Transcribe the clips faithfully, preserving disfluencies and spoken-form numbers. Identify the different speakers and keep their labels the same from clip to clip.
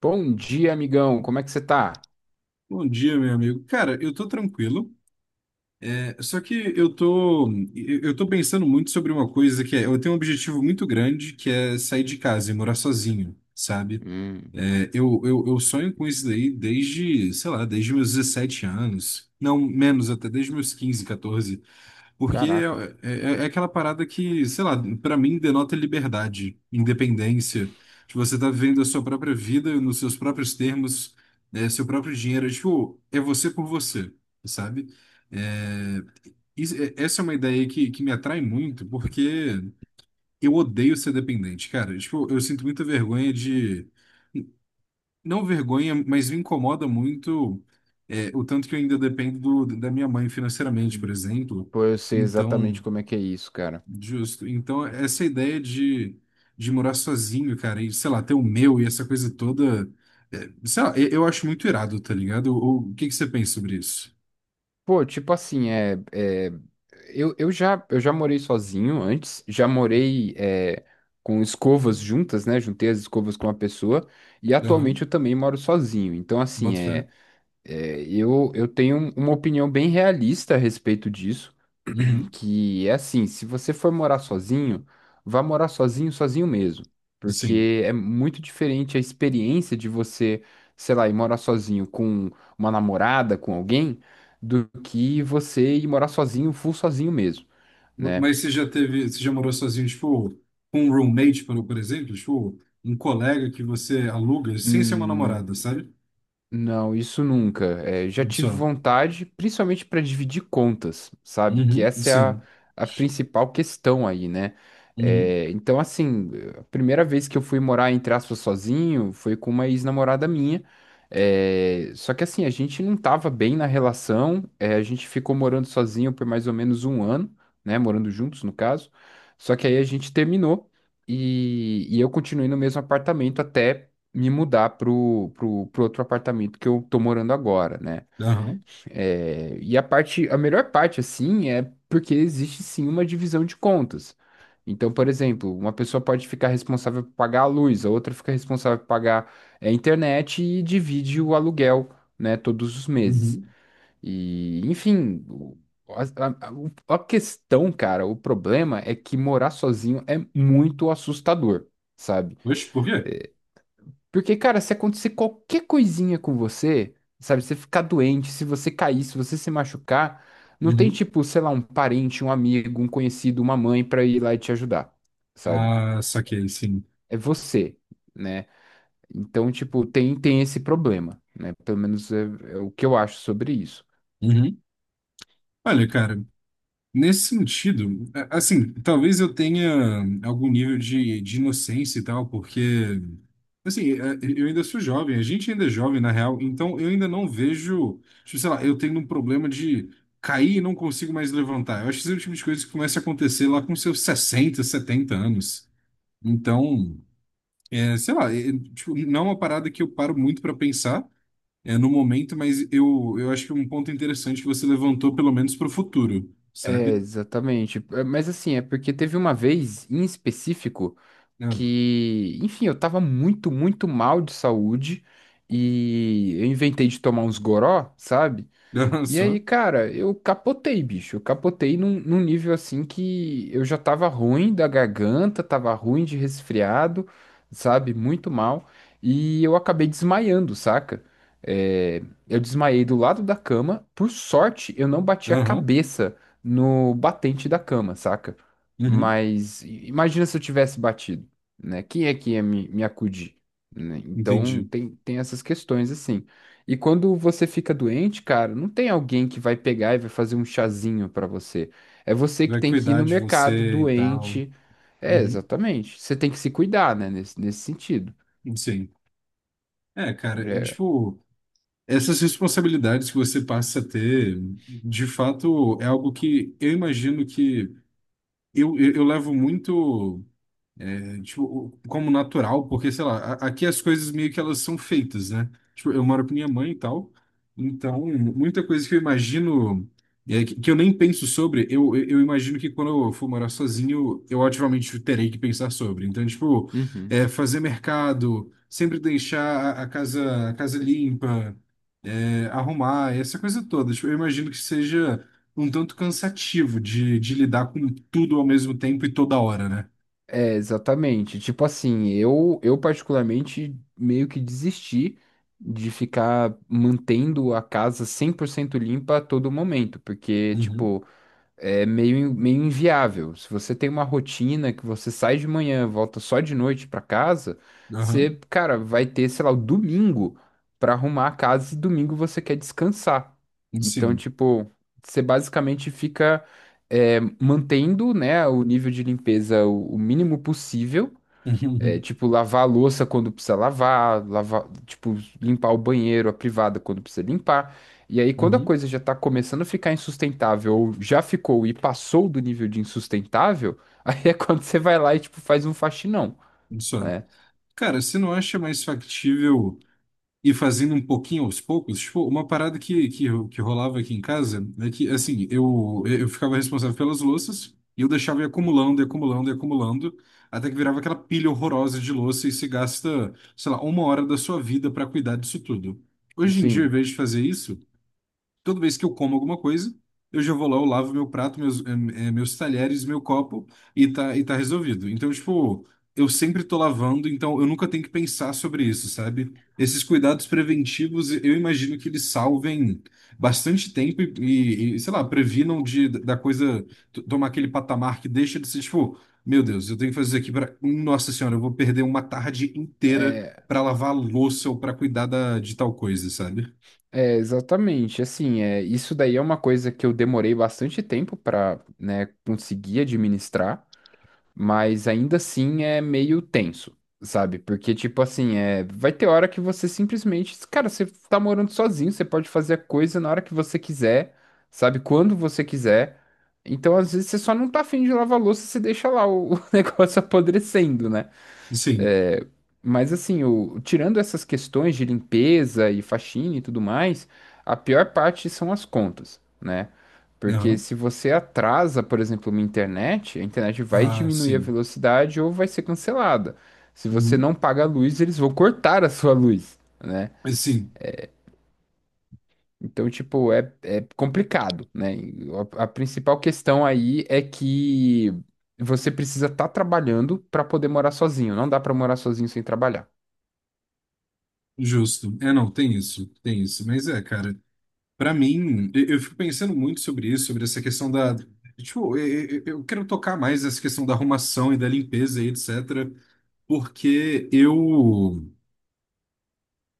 Speaker 1: Bom dia, amigão. Como é que você tá?
Speaker 2: Bom dia, meu amigo. Cara, eu tô tranquilo. É, só que eu tô, eu tô pensando muito sobre uma coisa que é, eu tenho um objetivo muito grande que é sair de casa e morar sozinho, sabe?
Speaker 1: Hum.
Speaker 2: É, eu, eu, eu sonho com isso daí desde, sei lá, desde meus dezessete anos. Não, menos até, desde meus quinze, catorze. Porque
Speaker 1: Caraca.
Speaker 2: é, é- é aquela parada que, sei lá, pra mim denota liberdade, independência. Tipo, você tá vivendo a sua própria vida nos seus próprios termos, né, seu próprio dinheiro. É, Tipo, é você por você, sabe? É, isso- é- essa é uma ideia que, que me atrai muito, porque eu odeio ser dependente, cara. Tipo, eu sinto muita vergonha de. Não vergonha, mas me incomoda muito, é, o tanto que eu ainda dependo do- da minha mãe financeiramente, por
Speaker 1: Hum.
Speaker 2: exemplo.
Speaker 1: Pô, eu sei exatamente
Speaker 2: Então.
Speaker 1: como é que é isso, cara.
Speaker 2: Justo. Então, essa ideia de, de morar sozinho, cara, e sei lá, ter o meu e essa coisa toda, é, sei lá, eu, eu acho muito irado, tá ligado? O, o que que você pensa sobre isso?
Speaker 1: Pô, tipo assim, é, é, eu, eu já, eu já morei sozinho antes, já morei é, com escovas juntas, né? Juntei as escovas com uma pessoa e
Speaker 2: Aham,
Speaker 1: atualmente eu também moro sozinho. Então, assim,
Speaker 2: boto fé.
Speaker 1: é, é, eu, eu tenho um, uma opinião bem realista a respeito disso,
Speaker 2: Uhum.
Speaker 1: que é assim: se você for morar sozinho, vá morar sozinho, sozinho mesmo,
Speaker 2: Sim.
Speaker 1: porque é muito diferente a experiência de você, sei lá, ir morar sozinho com uma namorada, com alguém, do que você ir morar sozinho, full sozinho mesmo, né?
Speaker 2: Mas você já teve, você já morou sozinho, tipo, com um roommate, por, por exemplo, tipo, um colega que você aluga sem ser uma
Speaker 1: Hum.
Speaker 2: namorada, sabe?
Speaker 1: Não, isso nunca. É, já tive
Speaker 2: Só.
Speaker 1: vontade, principalmente para dividir contas, sabe? Que
Speaker 2: Uhum.
Speaker 1: essa é a,
Speaker 2: Sim.
Speaker 1: a principal questão aí, né?
Speaker 2: Uhum.
Speaker 1: É, então, assim, a primeira vez que eu fui morar, entre aspas, sozinho foi com uma ex-namorada minha. É, só que, assim, a gente não tava bem na relação, é, a gente ficou morando sozinho por mais ou menos um ano, né? Morando juntos, no caso. Só que aí a gente terminou e, e eu continuei no mesmo apartamento até me mudar pro, pro, pro outro apartamento que eu tô morando agora, né?
Speaker 2: Aham.
Speaker 1: É, e a parte, a melhor parte, assim, é porque existe sim uma divisão de contas. Então, por exemplo, uma pessoa pode ficar responsável por pagar a luz, a outra fica responsável por pagar é, a internet e divide o aluguel, né, todos os meses.
Speaker 2: Uhum.
Speaker 1: E, enfim, o- a, a o- a questão, cara, o problema é que morar sozinho é muito assustador, sabe?
Speaker 2: Oxe, por quê?
Speaker 1: Porque, cara, se acontecer qualquer coisinha com você, sabe, você ficar doente, se você cair, se você se machucar, não tem
Speaker 2: Uhum.
Speaker 1: tipo, sei lá, um parente, um amigo, um conhecido, uma mãe pra ir lá e te ajudar, sabe?
Speaker 2: Ah, saquei, sim.
Speaker 1: É você, né? Então, tipo, tem, tem esse problema, né? Pelo menos é, é o que eu acho sobre isso.
Speaker 2: Uhum. Olha, cara. Nesse sentido, a- assim, talvez eu tenha algum nível de, de inocência e tal, porque, assim, é, eu ainda sou jovem, a gente ainda é jovem, na real, então eu ainda não vejo, tipo, sei lá, eu tenho um problema de cair e não consigo mais levantar. Eu acho que esse é o tipo de coisa que começa a acontecer lá com seus sessenta, setenta anos. Então, é, sei lá, é, tipo, não é uma parada que eu paro muito para pensar, é, no momento, mas eu, eu acho que é um ponto interessante que você levantou, pelo menos para o futuro,
Speaker 1: É,
Speaker 2: sabe?
Speaker 1: exatamente. É, mas assim, é porque teve uma vez em específico,
Speaker 2: É,
Speaker 1: que, enfim, eu tava muito, muito mal de saúde e eu inventei de tomar uns goró, sabe?
Speaker 2: Aham,
Speaker 1: E aí,
Speaker 2: só.
Speaker 1: cara, eu capotei, bicho. Eu capotei num, num nível assim que eu já tava ruim da garganta, tava ruim de resfriado, sabe? Muito mal. E eu acabei desmaiando, saca? É, eu desmaiei do lado da cama. Por sorte, eu não bati a
Speaker 2: Aham.
Speaker 1: cabeça no batente da cama, saca?
Speaker 2: Uhum.
Speaker 1: Mas i- imagina se eu tivesse batido, né? Quem é que ia me, me acudir, né? Então
Speaker 2: Entendi.
Speaker 1: tem, tem essas questões assim. E quando você fica doente, cara, não tem alguém que vai pegar e vai fazer um chazinho pra você. É você que
Speaker 2: Vai
Speaker 1: tem que ir
Speaker 2: cuidar
Speaker 1: no
Speaker 2: de
Speaker 1: mercado
Speaker 2: você e tal.
Speaker 1: doente. É,
Speaker 2: Uhum.
Speaker 1: exatamente. Você tem que se cuidar, né, nesse, nesse sentido.
Speaker 2: Sim. É, cara, e,
Speaker 1: É.
Speaker 2: tipo, essas responsabilidades que você passa a ter, de fato, é algo que eu imagino que eu, eu, eu levo muito. Tipo, como natural, porque, sei lá, a- aqui as coisas meio que elas são feitas, né? Tipo, eu moro com minha mãe e tal, então muita coisa que eu imagino, é, que que eu nem penso sobre, eu, eu eu imagino que quando eu for morar sozinho, eu ativamente terei que pensar sobre. Então, tipo,
Speaker 1: Uhum.
Speaker 2: é, fazer mercado, sempre deixar a, a casa, a casa limpa, é, arrumar, essa coisa toda. Tipo, eu imagino que seja um tanto cansativo de, de lidar com tudo ao mesmo tempo e toda hora, né?
Speaker 1: É, exatamente. Tipo assim, eu, eu particularmente meio que desisti de ficar mantendo a casa cem por cento limpa a todo momento, porque,
Speaker 2: Uhum.
Speaker 1: tipo, é meio, meio inviável. Se você tem uma rotina que você sai de manhã, volta só de noite pra casa,
Speaker 2: Aham.
Speaker 1: você, cara, vai ter, sei lá, o domingo pra arrumar a casa e domingo você quer descansar. Então,
Speaker 2: Sim.
Speaker 1: tipo, você basicamente fica é, mantendo, né, o nível de limpeza o, o mínimo possível. É,
Speaker 2: Uhum,
Speaker 1: tipo, lavar a louça quando precisa lavar, lavar, tipo, limpar o banheiro, a privada quando precisa limpar. E aí, quando a
Speaker 2: uhum,
Speaker 1: coisa já tá começando a ficar insustentável, ou já ficou e passou do nível de insustentável, aí é quando você vai lá e, tipo, faz um faxinão,
Speaker 2: uhum. Só.
Speaker 1: né?
Speaker 2: Cara, você não acha mais factível ir fazendo um pouquinho aos poucos? Tipo, uma parada que, que, que rolava aqui em casa é que, assim, eu, eu ficava responsável pelas louças e eu deixava ir acumulando, e acumulando, e acumulando, até que virava aquela pilha horrorosa de louça e se gasta, sei lá, uma hora da sua vida para cuidar disso tudo. Hoje em dia, ao
Speaker 1: Assim,
Speaker 2: invés de fazer isso, Toda vez que eu como alguma coisa, eu já vou lá, eu lavo meu prato, meus, eh, eh, meus talheres, meu copo e tá, e tá resolvido. Então, tipo, eu sempre tô lavando, então eu nunca tenho que pensar sobre isso, sabe? Esses cuidados preventivos, eu imagino que eles salvem bastante tempo e, e- e, sei lá, previnam de, da coisa t- tomar aquele patamar que deixa de ser, tipo, meu Deus, eu tenho que fazer isso aqui para. Nossa Senhora, eu vou perder uma tarde inteira
Speaker 1: é,
Speaker 2: para lavar a louça ou para cuidar da, de tal coisa, sabe?
Speaker 1: é exatamente, assim, é, isso daí é uma coisa que eu demorei bastante tempo pra, né, conseguir administrar. Mas ainda assim é meio tenso, sabe? Porque, tipo assim, é, vai ter hora que você simplesmente, cara, você tá morando sozinho, você pode fazer a coisa na hora que você quiser, sabe? Quando você quiser. Então, às vezes, você só não tá afim de lavar a louça, você deixa lá o o negócio apodrecendo, né?
Speaker 2: Sim.
Speaker 1: Mas assim, o, tirando essas questões de limpeza e faxina e tudo mais, a pior parte são as contas, né? Porque
Speaker 2: Aham.
Speaker 1: se você atrasa, por exemplo, uma internet, a internet vai
Speaker 2: Ah,
Speaker 1: diminuir a
Speaker 2: sim.
Speaker 1: velocidade ou vai ser cancelada. Se você
Speaker 2: Uhum.
Speaker 1: não paga a luz, eles vão cortar a sua luz, né?
Speaker 2: Mas Sim,
Speaker 1: Então, tipo, é, é complicado, né? E A, a principal questão aí é que você precisa estar trabalhando para poder morar sozinho. Não dá para morar sozinho sem trabalhar.
Speaker 2: justo. É, não, tem isso, tem isso. Mas é, cara, pra mim, eu, eu fico pensando muito sobre isso, sobre essa questão da. Tipo, eu, eu eu quero tocar mais nessa questão da arrumação e da limpeza e et cetera. Porque eu,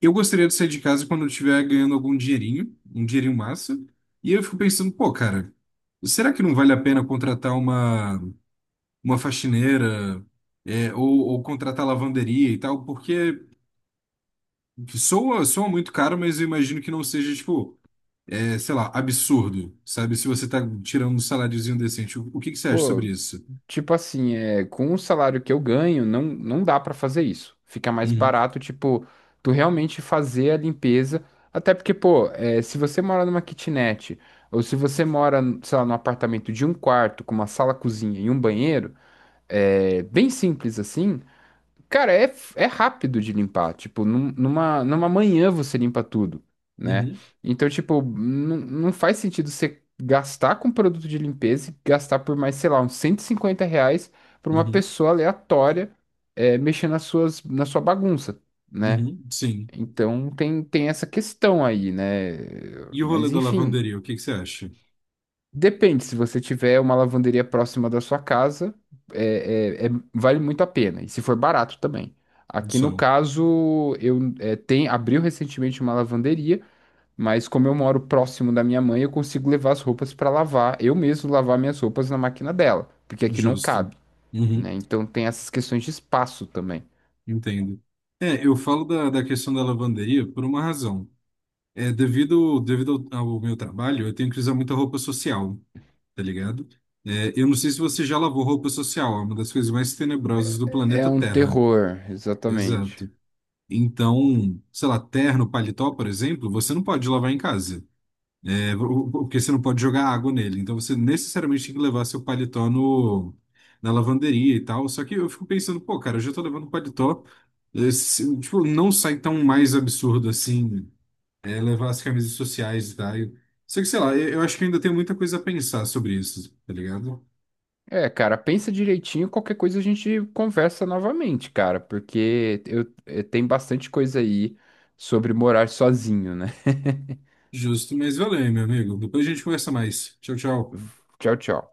Speaker 2: eu gostaria de sair de casa quando eu estiver ganhando algum dinheirinho, um dinheirinho massa. E eu fico pensando, pô, cara, será que não vale a pena contratar uma, uma faxineira, é, ou, ou contratar lavanderia e tal? Porque. Soa, soa muito caro, mas eu imagino que não seja, tipo, é, sei lá, absurdo, sabe? Se você tá tirando um saláriozinho decente. O, o que que você acha sobre
Speaker 1: Pô,
Speaker 2: isso?
Speaker 1: tipo assim, é, com o salário que eu ganho, não, não dá pra fazer isso. Fica mais
Speaker 2: Uhum,
Speaker 1: barato, tipo, tu realmente fazer a limpeza. Até porque, pô, é, se você mora numa kitnet, ou se você mora, sei lá, num apartamento de um quarto, com uma sala, cozinha e um banheiro, é bem simples assim. Cara, é, é rápido de limpar. Tipo, num- numa, numa manhã você limpa tudo, né?
Speaker 2: uhum,
Speaker 1: Então, tipo, não não faz sentido você gastar com produto de limpeza e gastar por mais, sei lá, uns cento e cinquenta reais pra uma
Speaker 2: uhum,
Speaker 1: pessoa aleatória, é, mexer nas suas, na sua bagunça, né?
Speaker 2: uhum, sim.
Speaker 1: Então, tem, tem essa questão aí, né?
Speaker 2: E o rolê
Speaker 1: Mas,
Speaker 2: da
Speaker 1: enfim,
Speaker 2: lavanderia, o que que você acha?
Speaker 1: depende. Se você tiver uma lavanderia próxima da sua casa, é, é- é- vale muito a pena. E se for barato também. Aqui
Speaker 2: Só,
Speaker 1: no caso, eu é, tem, abriu recentemente uma lavanderia, mas como eu moro próximo da minha mãe, eu consigo levar as roupas para lavar, eu mesmo lavar minhas roupas na máquina dela, porque aqui não
Speaker 2: justo.
Speaker 1: cabe,
Speaker 2: Uhum,
Speaker 1: né? Então tem essas questões de espaço também.
Speaker 2: entendo. É, eu falo da, da questão da lavanderia por uma razão. É, devido, devido ao, ao meu trabalho, eu tenho que usar muita roupa social, tá ligado? É, eu não sei se você já lavou roupa social, é uma das coisas mais tenebrosas do
Speaker 1: É
Speaker 2: planeta
Speaker 1: um
Speaker 2: Terra.
Speaker 1: terror, exatamente.
Speaker 2: Exato. Então, sei lá, terno, paletó, por exemplo, você não pode lavar em casa, é, o- porque você não pode jogar água nele. Então, você necessariamente tem que levar seu paletó no, na lavanderia e tal. Só que eu fico pensando, pô, cara, eu já tô levando paletó. eh, se- tipo, não sai tão mais absurdo assim, é, levar as camisas sociais e tal. Só que, sei lá, eu, eu acho que ainda tem muita coisa a pensar sobre isso, tá ligado?
Speaker 1: É, cara, pensa direitinho, qualquer coisa a gente conversa novamente, cara, porque eu, eh, tem bastante coisa aí sobre morar sozinho, né?
Speaker 2: Justo, mas valeu, meu amigo. Depois a gente conversa mais. Tchau, tchau.
Speaker 1: Tchau, tchau.